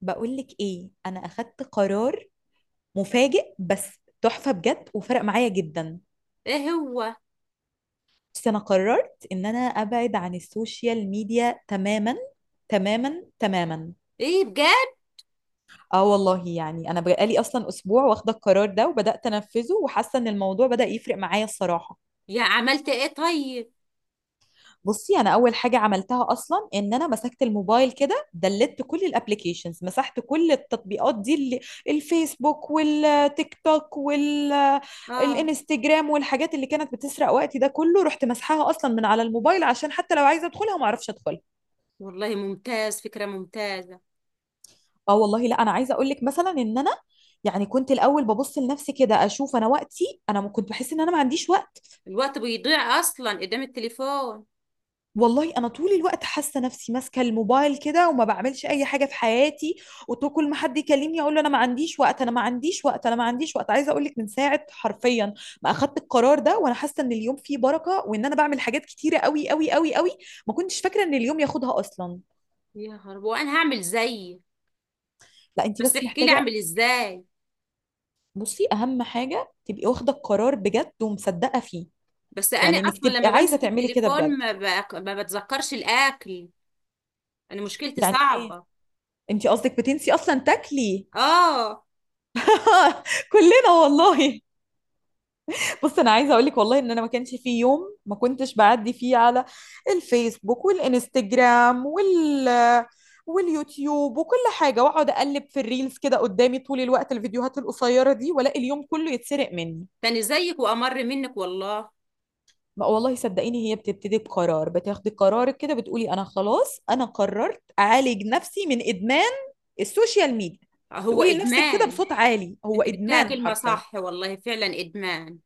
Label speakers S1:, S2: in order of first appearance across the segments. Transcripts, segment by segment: S1: بقولك ايه، انا اخدت قرار مفاجئ بس تحفة بجد وفرق معايا جدا.
S2: ايه هو؟
S1: بس انا قررت ان انا ابعد عن السوشيال ميديا تماما تماما تماما.
S2: ايه بجد؟
S1: اه والله، يعني انا بقالي اصلا اسبوع واخدة القرار ده وبدأت انفذه وحاسة ان الموضوع بدأ يفرق معايا الصراحة.
S2: يا عملت ايه طيب.
S1: بصي، انا اول حاجه عملتها اصلا ان انا مسكت الموبايل كده دلت كل الابليكيشنز، مسحت كل التطبيقات دي اللي الفيسبوك والتيك توك
S2: اه،
S1: والانستجرام والحاجات اللي كانت بتسرق وقتي ده كله، رحت مسحها اصلا من على الموبايل عشان حتى لو عايزه ادخلها ما اعرفش ادخلها.
S2: والله ممتاز، فكرة ممتازة.
S1: اه والله، لا انا عايزه اقول لك مثلا ان انا كنت الاول ببص لنفسي كده اشوف انا وقتي، انا كنت بحس ان انا ما عنديش وقت.
S2: الوقت بيضيع اصلا قدام التليفون.
S1: والله انا طول الوقت حاسه نفسي ماسكه الموبايل كده وما بعملش اي حاجه في حياتي، وكل ما حد يكلمني اقول له انا ما عنديش وقت انا ما عنديش وقت انا ما عنديش وقت. عايزه اقول لك، من ساعه حرفيا ما اخدت القرار ده وانا حاسه ان اليوم فيه بركه وان انا بعمل حاجات كتيره قوي قوي قوي قوي. ما كنتش فاكره ان اليوم ياخدها اصلا.
S2: يا خرب، وانا هعمل زيي،
S1: لا انت
S2: بس
S1: بس
S2: احكي لي
S1: محتاجه.
S2: اعمل ازاي.
S1: بصي اهم حاجه تبقي واخده القرار بجد ومصدقه فيه.
S2: بس انا
S1: يعني انك
S2: اصلا
S1: تبقي
S2: لما
S1: عايزه
S2: بمسك
S1: تعملي كده بجد.
S2: التليفون ما بتذكرش الاكل. انا مشكلتي
S1: يعني ايه،
S2: صعبة.
S1: انت قصدك بتنسي اصلا تاكلي؟
S2: اه.
S1: كلنا والله. بص، انا عايزه اقول لك والله ان انا ما كانش في يوم ما كنتش بعدي فيه على الفيسبوك والانستجرام واليوتيوب وكل حاجه، واقعد اقلب في الريلز كده قدامي طول الوقت، الفيديوهات القصيره دي، والاقي اليوم كله يتسرق مني.
S2: تاني زيك وامر منك والله.
S1: ما والله صدقيني، هي بتبتدي بقرار، بتاخدي قرارك كده بتقولي انا خلاص انا قررت اعالج نفسي من ادمان السوشيال ميديا.
S2: هو
S1: تقولي لنفسك كده
S2: ادمان؟
S1: بصوت عالي هو
S2: انت جبتها
S1: ادمان
S2: كلمة
S1: حرفيا.
S2: صح، والله فعلا ادمان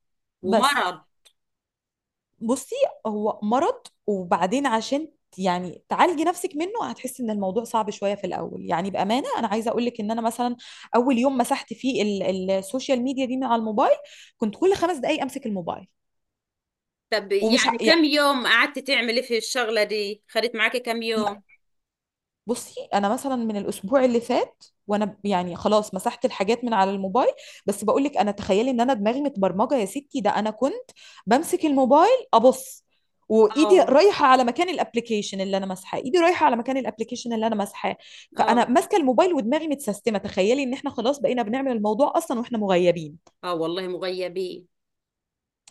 S1: بس
S2: ومرض.
S1: بصي، هو مرض، وبعدين عشان تعالجي نفسك منه هتحسي ان الموضوع صعب شويه في الاول. يعني بامانه انا عايزه اقول لك ان انا مثلا اول يوم مسحت فيه السوشيال ميديا دي من على الموبايل، كنت كل 5 دقائق امسك الموبايل.
S2: طب
S1: ومش ه...
S2: يعني
S1: يعني
S2: كم يوم قعدت تعملي في الشغلة دي؟ خدت معاكي كم يوم؟
S1: بصي انا مثلا من الاسبوع اللي فات وانا يعني خلاص مسحت الحاجات من على الموبايل. بس بقول لك، انا تخيلي ان انا دماغي متبرمجه يا ستي، ده انا كنت بمسك الموبايل ابص وايدي
S2: اه،
S1: رايحه على مكان الابلكيشن اللي انا ماسحاه، ايدي رايحه على مكان الابلكيشن اللي انا ماسحاه. فانا
S2: اه.
S1: ماسكه الموبايل ودماغي متسيستمه. تخيلي ان احنا خلاص بقينا بنعمل الموضوع اصلا واحنا مغيبين.
S2: اه والله مغيبين.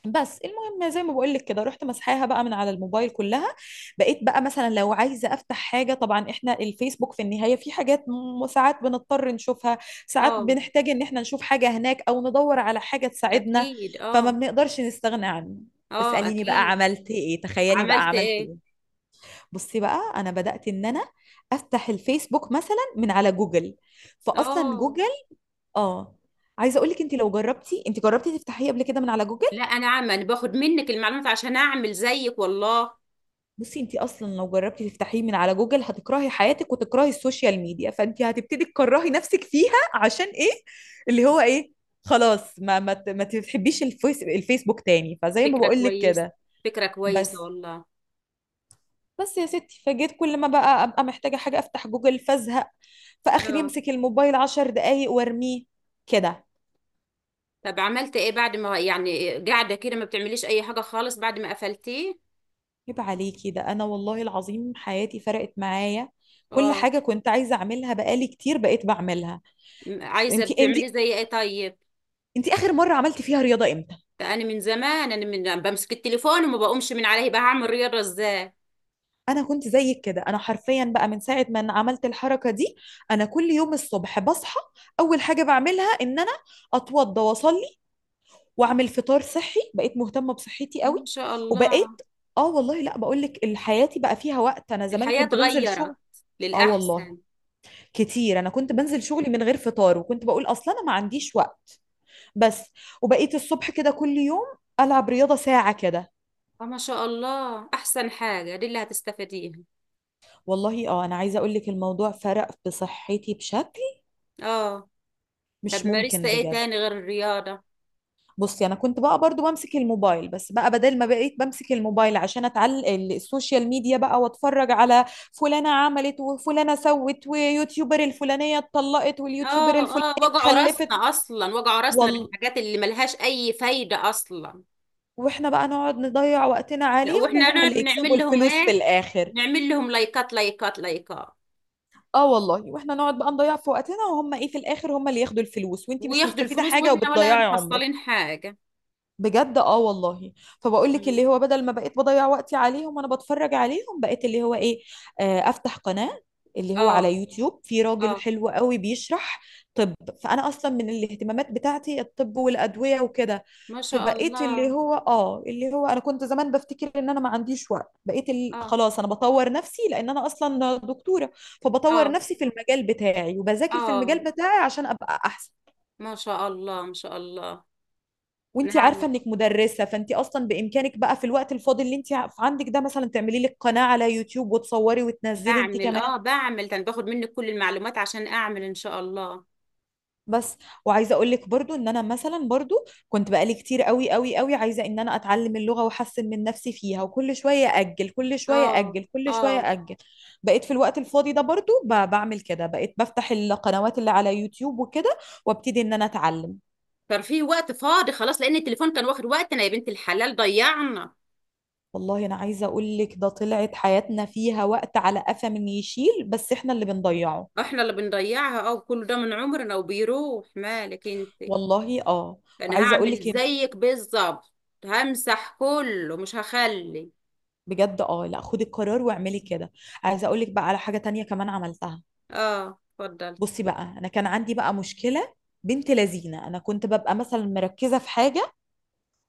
S1: بس المهم، زي ما بقول لك كده، رحت مسحاها بقى من على الموبايل كلها. بقيت بقى مثلا لو عايزه افتح حاجه، طبعا احنا الفيسبوك في النهايه في حاجات ساعات بنضطر نشوفها، ساعات
S2: اه
S1: بنحتاج ان احنا نشوف حاجه هناك او ندور على حاجه تساعدنا،
S2: اكيد.
S1: فما
S2: اه.
S1: بنقدرش نستغنى عنه.
S2: اه
S1: اساليني بقى
S2: اكيد.
S1: عملت ايه، تخيلي بقى
S2: عملت
S1: عملت
S2: ايه؟
S1: ايه. بصي بقى، انا بدات ان انا افتح الفيسبوك مثلا من على جوجل. فاصلا
S2: اه.
S1: جوجل، اه، عايزه اقول لك انت لو جربتي، انت جربتي تفتحيه قبل كده من على جوجل؟
S2: لا، انا باخد منك المعلومات عشان اعمل زيك والله.
S1: بصي انت اصلا لو جربتي تفتحيه من على جوجل هتكرهي حياتك وتكرهي السوشيال ميديا، فانت هتبتدي تكرهي نفسك فيها. عشان ايه؟ اللي هو ايه؟ خلاص ما تحبيش الفيسبوك تاني. فزي ما
S2: فكرة
S1: بقول لك
S2: كويسة،
S1: كده،
S2: فكرة كويسة
S1: بس
S2: والله.
S1: بس يا ستي، فجيت كل ما بقى ابقى محتاجه حاجه افتح جوجل فازهق. في اخر
S2: اه.
S1: يمسك الموبايل 10 دقايق وارميه كده.
S2: طب عملت ايه بعد ما يعني قاعدة كده ما بتعمليش اي حاجة خالص بعد ما قفلتيه؟
S1: يبقى عليكي ده. انا والله العظيم حياتي فرقت معايا، كل
S2: اه.
S1: حاجه كنت عايزه اعملها بقالي كتير بقيت بعملها.
S2: عايزة
S1: انت
S2: بتعملي زي ايه طيب؟
S1: انت اخر مره عملتي فيها رياضه امتى؟
S2: ده انا من زمان انا، من بمسك التليفون وما بقومش من عليه بقى هعمل رياضه ازاي؟
S1: انا كنت زيك كده. انا حرفيا بقى من ساعه ما أنا عملت الحركه دي، انا كل يوم الصبح بصحى، اول حاجه بعملها ان انا اتوضى واصلي واعمل فطار صحي. بقيت مهتمه بصحتي قوي.
S2: ما شاء الله.
S1: وبقيت، اه والله، لا بقول لك حياتي بقى فيها وقت. انا زمان
S2: الحياه
S1: كنت بنزل
S2: اتغيرت
S1: شغل. اه والله
S2: للاحسن.
S1: كتير، انا كنت بنزل شغلي من غير فطار وكنت بقول اصلا انا ما عنديش وقت. بس وبقيت الصبح كده كل يوم العب رياضه ساعه كده.
S2: آه، ما شاء الله، احسن حاجه دي اللي هتستفيديها.
S1: والله اه، انا عايزه اقول لك الموضوع فرق في صحتي بشكل
S2: اه.
S1: مش
S2: طب مارست
S1: ممكن
S2: ايه
S1: بجد.
S2: تاني غير الرياضه؟
S1: بصي، انا كنت بقى برضو بمسك الموبايل، بس بقى بدل ما بقيت بمسك الموبايل عشان اتعلق السوشيال ميديا بقى واتفرج على فلانه عملت وفلانه سوت ويوتيوبر الفلانيه اتطلقت واليوتيوبر الفلانيه
S2: اه، اه، وجعوا
S1: خلفت
S2: راسنا اصلا، وجعوا راسنا
S1: وال...
S2: بالحاجات اللي ملهاش اي فايده اصلا.
S1: واحنا بقى نقعد نضيع وقتنا
S2: لا،
S1: عليهم
S2: واحنا
S1: وهم
S2: نقعد
S1: اللي يكسبوا
S2: بنعمل لهم
S1: الفلوس في
S2: ايه،
S1: الاخر.
S2: نعمل لهم لايكات لايكات لايكات
S1: اه والله، واحنا نقعد بقى نضيع في وقتنا، وهم ايه في الاخر؟ هم اللي ياخدوا الفلوس، وانتي مش
S2: وياخدوا
S1: مستفيده
S2: الفلوس
S1: حاجه
S2: واحنا ولا
S1: وبتضيعي عمرك.
S2: محصلين حاجه.
S1: بجد، اه والله. فبقول لك
S2: مم.
S1: اللي هو، بدل ما بقيت بضيع وقتي عليهم وانا بتفرج عليهم، بقيت اللي هو ايه، آه، افتح قناة، اللي هو على
S2: اه.
S1: يوتيوب في راجل
S2: اه
S1: حلو قوي بيشرح. طب فانا اصلا من الاهتمامات بتاعتي الطب والادوية وكده.
S2: ما شاء
S1: فبقيت اللي
S2: الله.
S1: هو اه، اللي هو انا كنت زمان بفتكر ان انا ما عنديش وقت، بقيت
S2: اه.
S1: خلاص انا بطور نفسي، لان انا اصلا دكتورة. فبطور
S2: اه.
S1: نفسي في المجال بتاعي وبذاكر في المجال
S2: اه
S1: بتاعي عشان ابقى احسن.
S2: ما شاء الله، ما شاء الله.
S1: وانت عارفه
S2: نعم.
S1: انك مدرسه، فانت اصلا بامكانك بقى في الوقت الفاضي اللي انت عندك ده مثلا تعملي لك قناه على يوتيوب وتصوري وتنزلي انت
S2: بعمل
S1: كمان.
S2: بعمل كان باخد منك كل المعلومات عشان اعمل ان شاء الله.
S1: بس وعايزه اقول لك برضو ان انا مثلا برضو كنت بقالي كتير قوي قوي قوي عايزه ان انا اتعلم اللغه واحسن من نفسي فيها، وكل شويه اجل كل شويه
S2: اه.
S1: اجل كل شويه
S2: اه.
S1: اجل. بقيت في الوقت الفاضي ده برضو بعمل كده، بقيت بفتح القنوات اللي على يوتيوب وكده وابتدي ان انا اتعلم.
S2: كان في وقت فاضي خلاص لان التليفون كان واخد وقتنا يا بنت الحلال، ضيعنا.
S1: والله انا عايزه اقول لك، ده طلعت حياتنا فيها وقت على قفا من يشيل، بس احنا اللي بنضيعه.
S2: احنا اللي بنضيعها، اه، كل ده من عمرنا وبيروح مالك انت.
S1: والله اه.
S2: انا
S1: وعايزه اقول
S2: هعمل
S1: لك إيه،
S2: زيك بالظبط، همسح كله مش هخلي.
S1: بجد اه، لا خدي القرار واعملي كده. عايزه اقول لك بقى على حاجه تانية كمان عملتها.
S2: اه، اتفضل.
S1: بصي بقى، انا كان عندي بقى مشكله، بنت لذينه، انا كنت ببقى مثلا مركزه في حاجه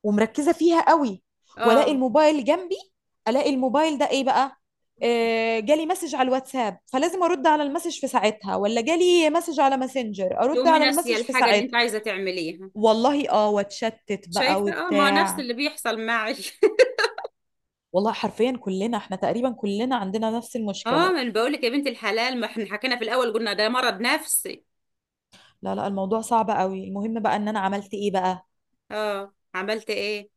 S1: ومركزه فيها قوي، والاقي
S2: اه،
S1: الموبايل جنبي، الاقي الموبايل ده ايه بقى، آه جالي مسج على الواتساب فلازم ارد على المسج في ساعتها، ولا جالي مسج على ماسنجر ارد
S2: تقومي
S1: على
S2: ناسيه
S1: المسج في
S2: الحاجه اللي انت
S1: ساعتها.
S2: عايزه تعمليها.
S1: والله اه، واتشتت بقى
S2: شايفة، اه، ما هو نفس
S1: وبتاع.
S2: اللي بيحصل معي.
S1: والله حرفيا كلنا، احنا تقريبا كلنا عندنا نفس
S2: اه،
S1: المشكلة.
S2: ما انا بقول لك يا بنت الحلال، ما احنا حكينا في الاول قلنا ده مرض نفسي.
S1: لا لا، الموضوع صعب قوي. المهم بقى ان انا عملت ايه بقى.
S2: اه، عملت ايه؟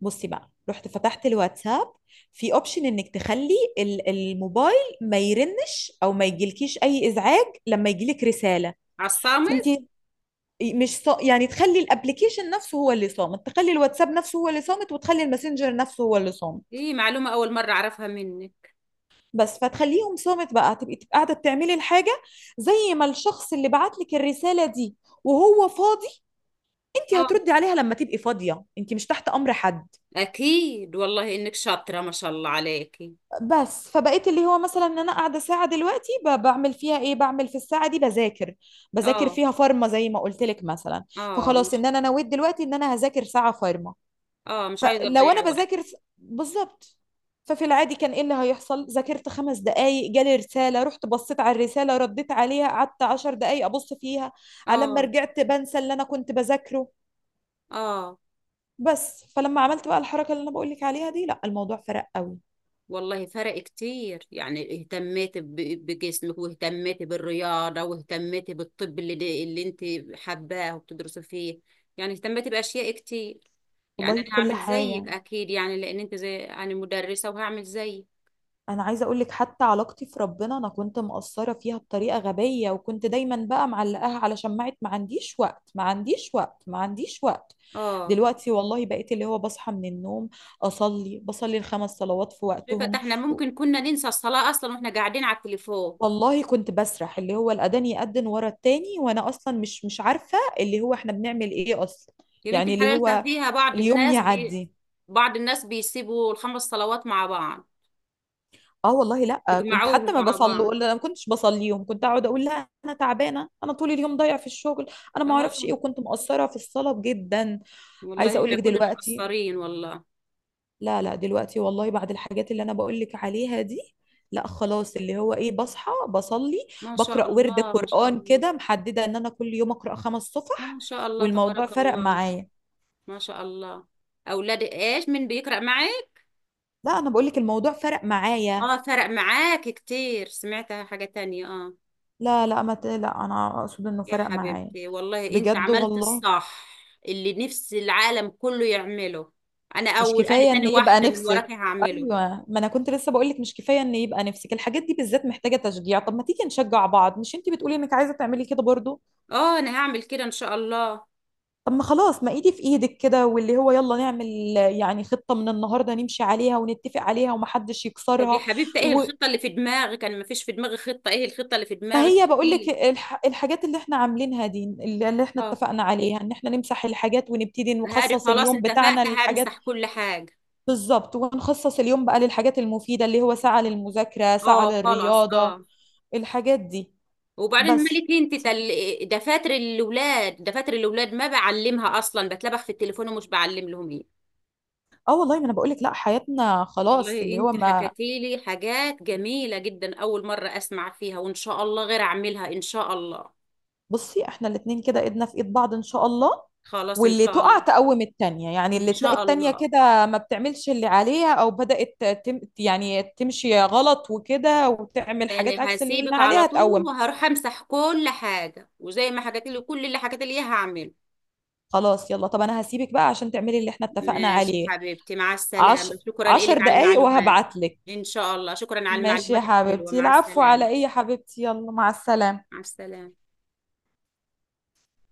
S1: بصي بقى، رحت فتحت الواتساب، في اوبشن انك تخلي الموبايل ما يرنش او ما يجيلكيش اي ازعاج لما يجيلك رسالة.
S2: على
S1: فانت
S2: الصامت.
S1: مش صا... يعني تخلي الابليكيشن نفسه هو اللي صامت، تخلي الواتساب نفسه هو اللي صامت، وتخلي الماسنجر نفسه هو اللي صامت.
S2: دي معلومة اول مرة اعرفها منك.
S1: بس فتخليهم صامت بقى، تبقي قاعدة بتعملي الحاجة. زي ما الشخص اللي بعت لك الرسالة دي وهو فاضي، انت هتردي
S2: اه
S1: عليها لما تبقي فاضيه، انت مش تحت امر حد.
S2: اكيد، والله انك شاطرة ما شاء الله عليكي.
S1: بس فبقيت اللي هو مثلا، ان انا قاعده ساعه دلوقتي بعمل فيها ايه، بعمل في الساعه دي بذاكر، بذاكر
S2: اه.
S1: فيها فارما زي ما قلت لك مثلا.
S2: اه.
S1: فخلاص ان انا نويت دلوقتي ان انا هذاكر ساعه فارما.
S2: مش عايزة
S1: فلو انا
S2: تضيعي وقت.
S1: بالظبط، ففي العادي كان ايه اللي هيحصل؟ ذاكرت 5 دقايق، جالي رساله، رحت بصيت على الرساله، رديت عليها، قعدت 10 دقايق ابص فيها، على لما
S2: اه.
S1: رجعت بنسى اللي انا كنت بذاكره.
S2: اه
S1: بس فلما عملت بقى الحركه اللي انا بقول لك عليها دي، لا الموضوع فرق قوي.
S2: والله فرق كتير، يعني اهتميتي بجسمك، واهتميتي بالرياضة، واهتميتي بالطب اللي انت حباه وبتدرسي فيه، يعني اهتميت بأشياء كتير. يعني
S1: والله
S2: انا
S1: بكل
S2: هعمل زيك
S1: حاجة.
S2: اكيد، يعني لان انت زي يعني مدرسة، وهعمل زيك.
S1: أنا عايزة أقولك حتى علاقتي في ربنا أنا كنت مقصرة فيها بطريقة غبية، وكنت دايما بقى معلقاها على شماعة ما عنديش وقت ما عنديش وقت ما عنديش وقت.
S2: اه.
S1: دلوقتي والله بقيت اللي هو بصحى من النوم أصلي، بصلي الخمس صلوات في
S2: شايفة ده
S1: وقتهم.
S2: احنا
S1: و-
S2: ممكن كنا ننسى الصلاة اصلا واحنا قاعدين على التليفون.
S1: والله كنت بسرح، اللي هو الأذان يأذن ورا التاني وأنا أصلا مش عارفة اللي هو إحنا بنعمل إيه أصلا.
S2: يا بنت
S1: يعني اللي
S2: الحلال، ده
S1: هو
S2: فيها بعض
S1: اليوم
S2: الناس
S1: يعدي.
S2: بعض الناس بيسيبوا الخمس صلوات مع بعض،
S1: اه والله، لا كنت
S2: بيجمعوهم
S1: حتى ما
S2: مع بعض.
S1: بصلي، لا، ما كنتش بصليهم. كنت اقعد اقول لا انا تعبانه، انا طول اليوم ضايع في الشغل، انا ما اعرفش ايه،
S2: اه
S1: وكنت مقصره في الصلاه جدا. عايزه
S2: والله،
S1: اقول
S2: احنا
S1: لك
S2: كلنا
S1: دلوقتي،
S2: مقصرين والله.
S1: لا لا دلوقتي والله بعد الحاجات اللي انا بقول لك عليها دي، لا خلاص اللي هو ايه، بصحى بصلي،
S2: ما شاء
S1: بقرا ورد
S2: الله، ما شاء
S1: قران
S2: الله.
S1: كده، محدده ان انا كل يوم اقرا خمس
S2: ما
S1: صفح
S2: شاء الله
S1: والموضوع
S2: تبارك
S1: فرق
S2: الله.
S1: معايا.
S2: ما شاء الله. اولاد ايش من بيقرأ معي.
S1: لا انا بقول لك الموضوع فرق معايا.
S2: اه فرق معاك كتير، سمعتها حاجة تانية. اه.
S1: لا لا ما ت- لا انا اقصد انه
S2: يا
S1: فرق معايا
S2: حبيبتي، والله انت
S1: بجد
S2: عملت
S1: والله.
S2: الصح، اللي نفس العالم كله يعمله. انا
S1: مش
S2: اول، انا
S1: كفاية ان
S2: تاني
S1: يبقى
S2: واحدة من
S1: نفسك.
S2: وراكي هعمله.
S1: ايوه، ما انا كنت لسه بقول لك مش كفاية ان يبقى نفسك، الحاجات دي بالذات محتاجة تشجيع. طب ما تيجي نشجع بعض، مش انتي بتقولي انك عايزة تعملي كده برضو؟
S2: اه، انا هعمل كده ان شاء الله.
S1: طب ما خلاص، ما ايدي في ايدك كده، واللي هو يلا نعمل يعني خطة من النهاردة نمشي عليها ونتفق عليها ومحدش
S2: طب يا
S1: يكسرها.
S2: حبيبتي، ايه
S1: و...
S2: الخطة اللي في دماغك؟ انا مفيش في دماغي خطة، ايه الخطة اللي في
S1: ما
S2: دماغك؟
S1: هي بقول لك
S2: ايه؟
S1: الحاجات اللي احنا عاملينها دي، اللي احنا
S2: اه
S1: اتفقنا عليها ان احنا نمسح الحاجات ونبتدي
S2: هاري،
S1: نخصص
S2: خلاص
S1: اليوم بتاعنا
S2: اتفقت
S1: للحاجات.
S2: همسح كل حاجة.
S1: بالظبط، ونخصص اليوم بقى للحاجات المفيدة، اللي هو ساعة للمذاكرة ساعة
S2: اه خلاص،
S1: للرياضة،
S2: اه.
S1: الحاجات دي.
S2: وبعدين
S1: بس
S2: مالك انت، دفاتر الاولاد، دفاتر الاولاد ما بعلمها اصلا، بتلبخ في التليفون ومش بعلم لهم إيه.
S1: اه والله، ما انا بقولك لا، حياتنا خلاص
S2: والله
S1: اللي هو
S2: انت
S1: ما.
S2: حكيتي لي حاجات جميلة جدا، اول مرة اسمع فيها، وان شاء الله غير اعملها ان شاء الله.
S1: بصي احنا الاتنين كده ايدنا في ايد بعض ان شاء الله.
S2: خلاص، ان
S1: واللي
S2: شاء
S1: تقع
S2: الله.
S1: تقوم التانية، يعني
S2: ان
S1: اللي تلاقي
S2: شاء
S1: التانية
S2: الله
S1: كده ما بتعملش اللي عليها او بدأت تم يعني تمشي غلط وكده وتعمل حاجات
S2: انا
S1: عكس اللي قلنا
S2: هسيبك على
S1: عليها
S2: طول
S1: تقوم.
S2: وهروح امسح كل حاجة، وزي ما حكيتي لي كل اللي حكيتي لي اياه هعمله.
S1: خلاص يلا، طب انا هسيبك بقى عشان تعملي اللي احنا اتفقنا
S2: ماشي
S1: عليه.
S2: حبيبتي، مع
S1: عش...
S2: السلامة، شكرا
S1: عشر
S2: لك على
S1: دقايق
S2: المعلومات.
S1: وهبعتلك.
S2: ان شاء الله، شكرا على
S1: ماشي يا
S2: المعلومات الحلوة،
S1: حبيبتي،
S2: مع
S1: العفو،
S2: السلامة.
S1: على ايه يا حبيبتي، يلا مع السلامة.
S2: مع السلامة.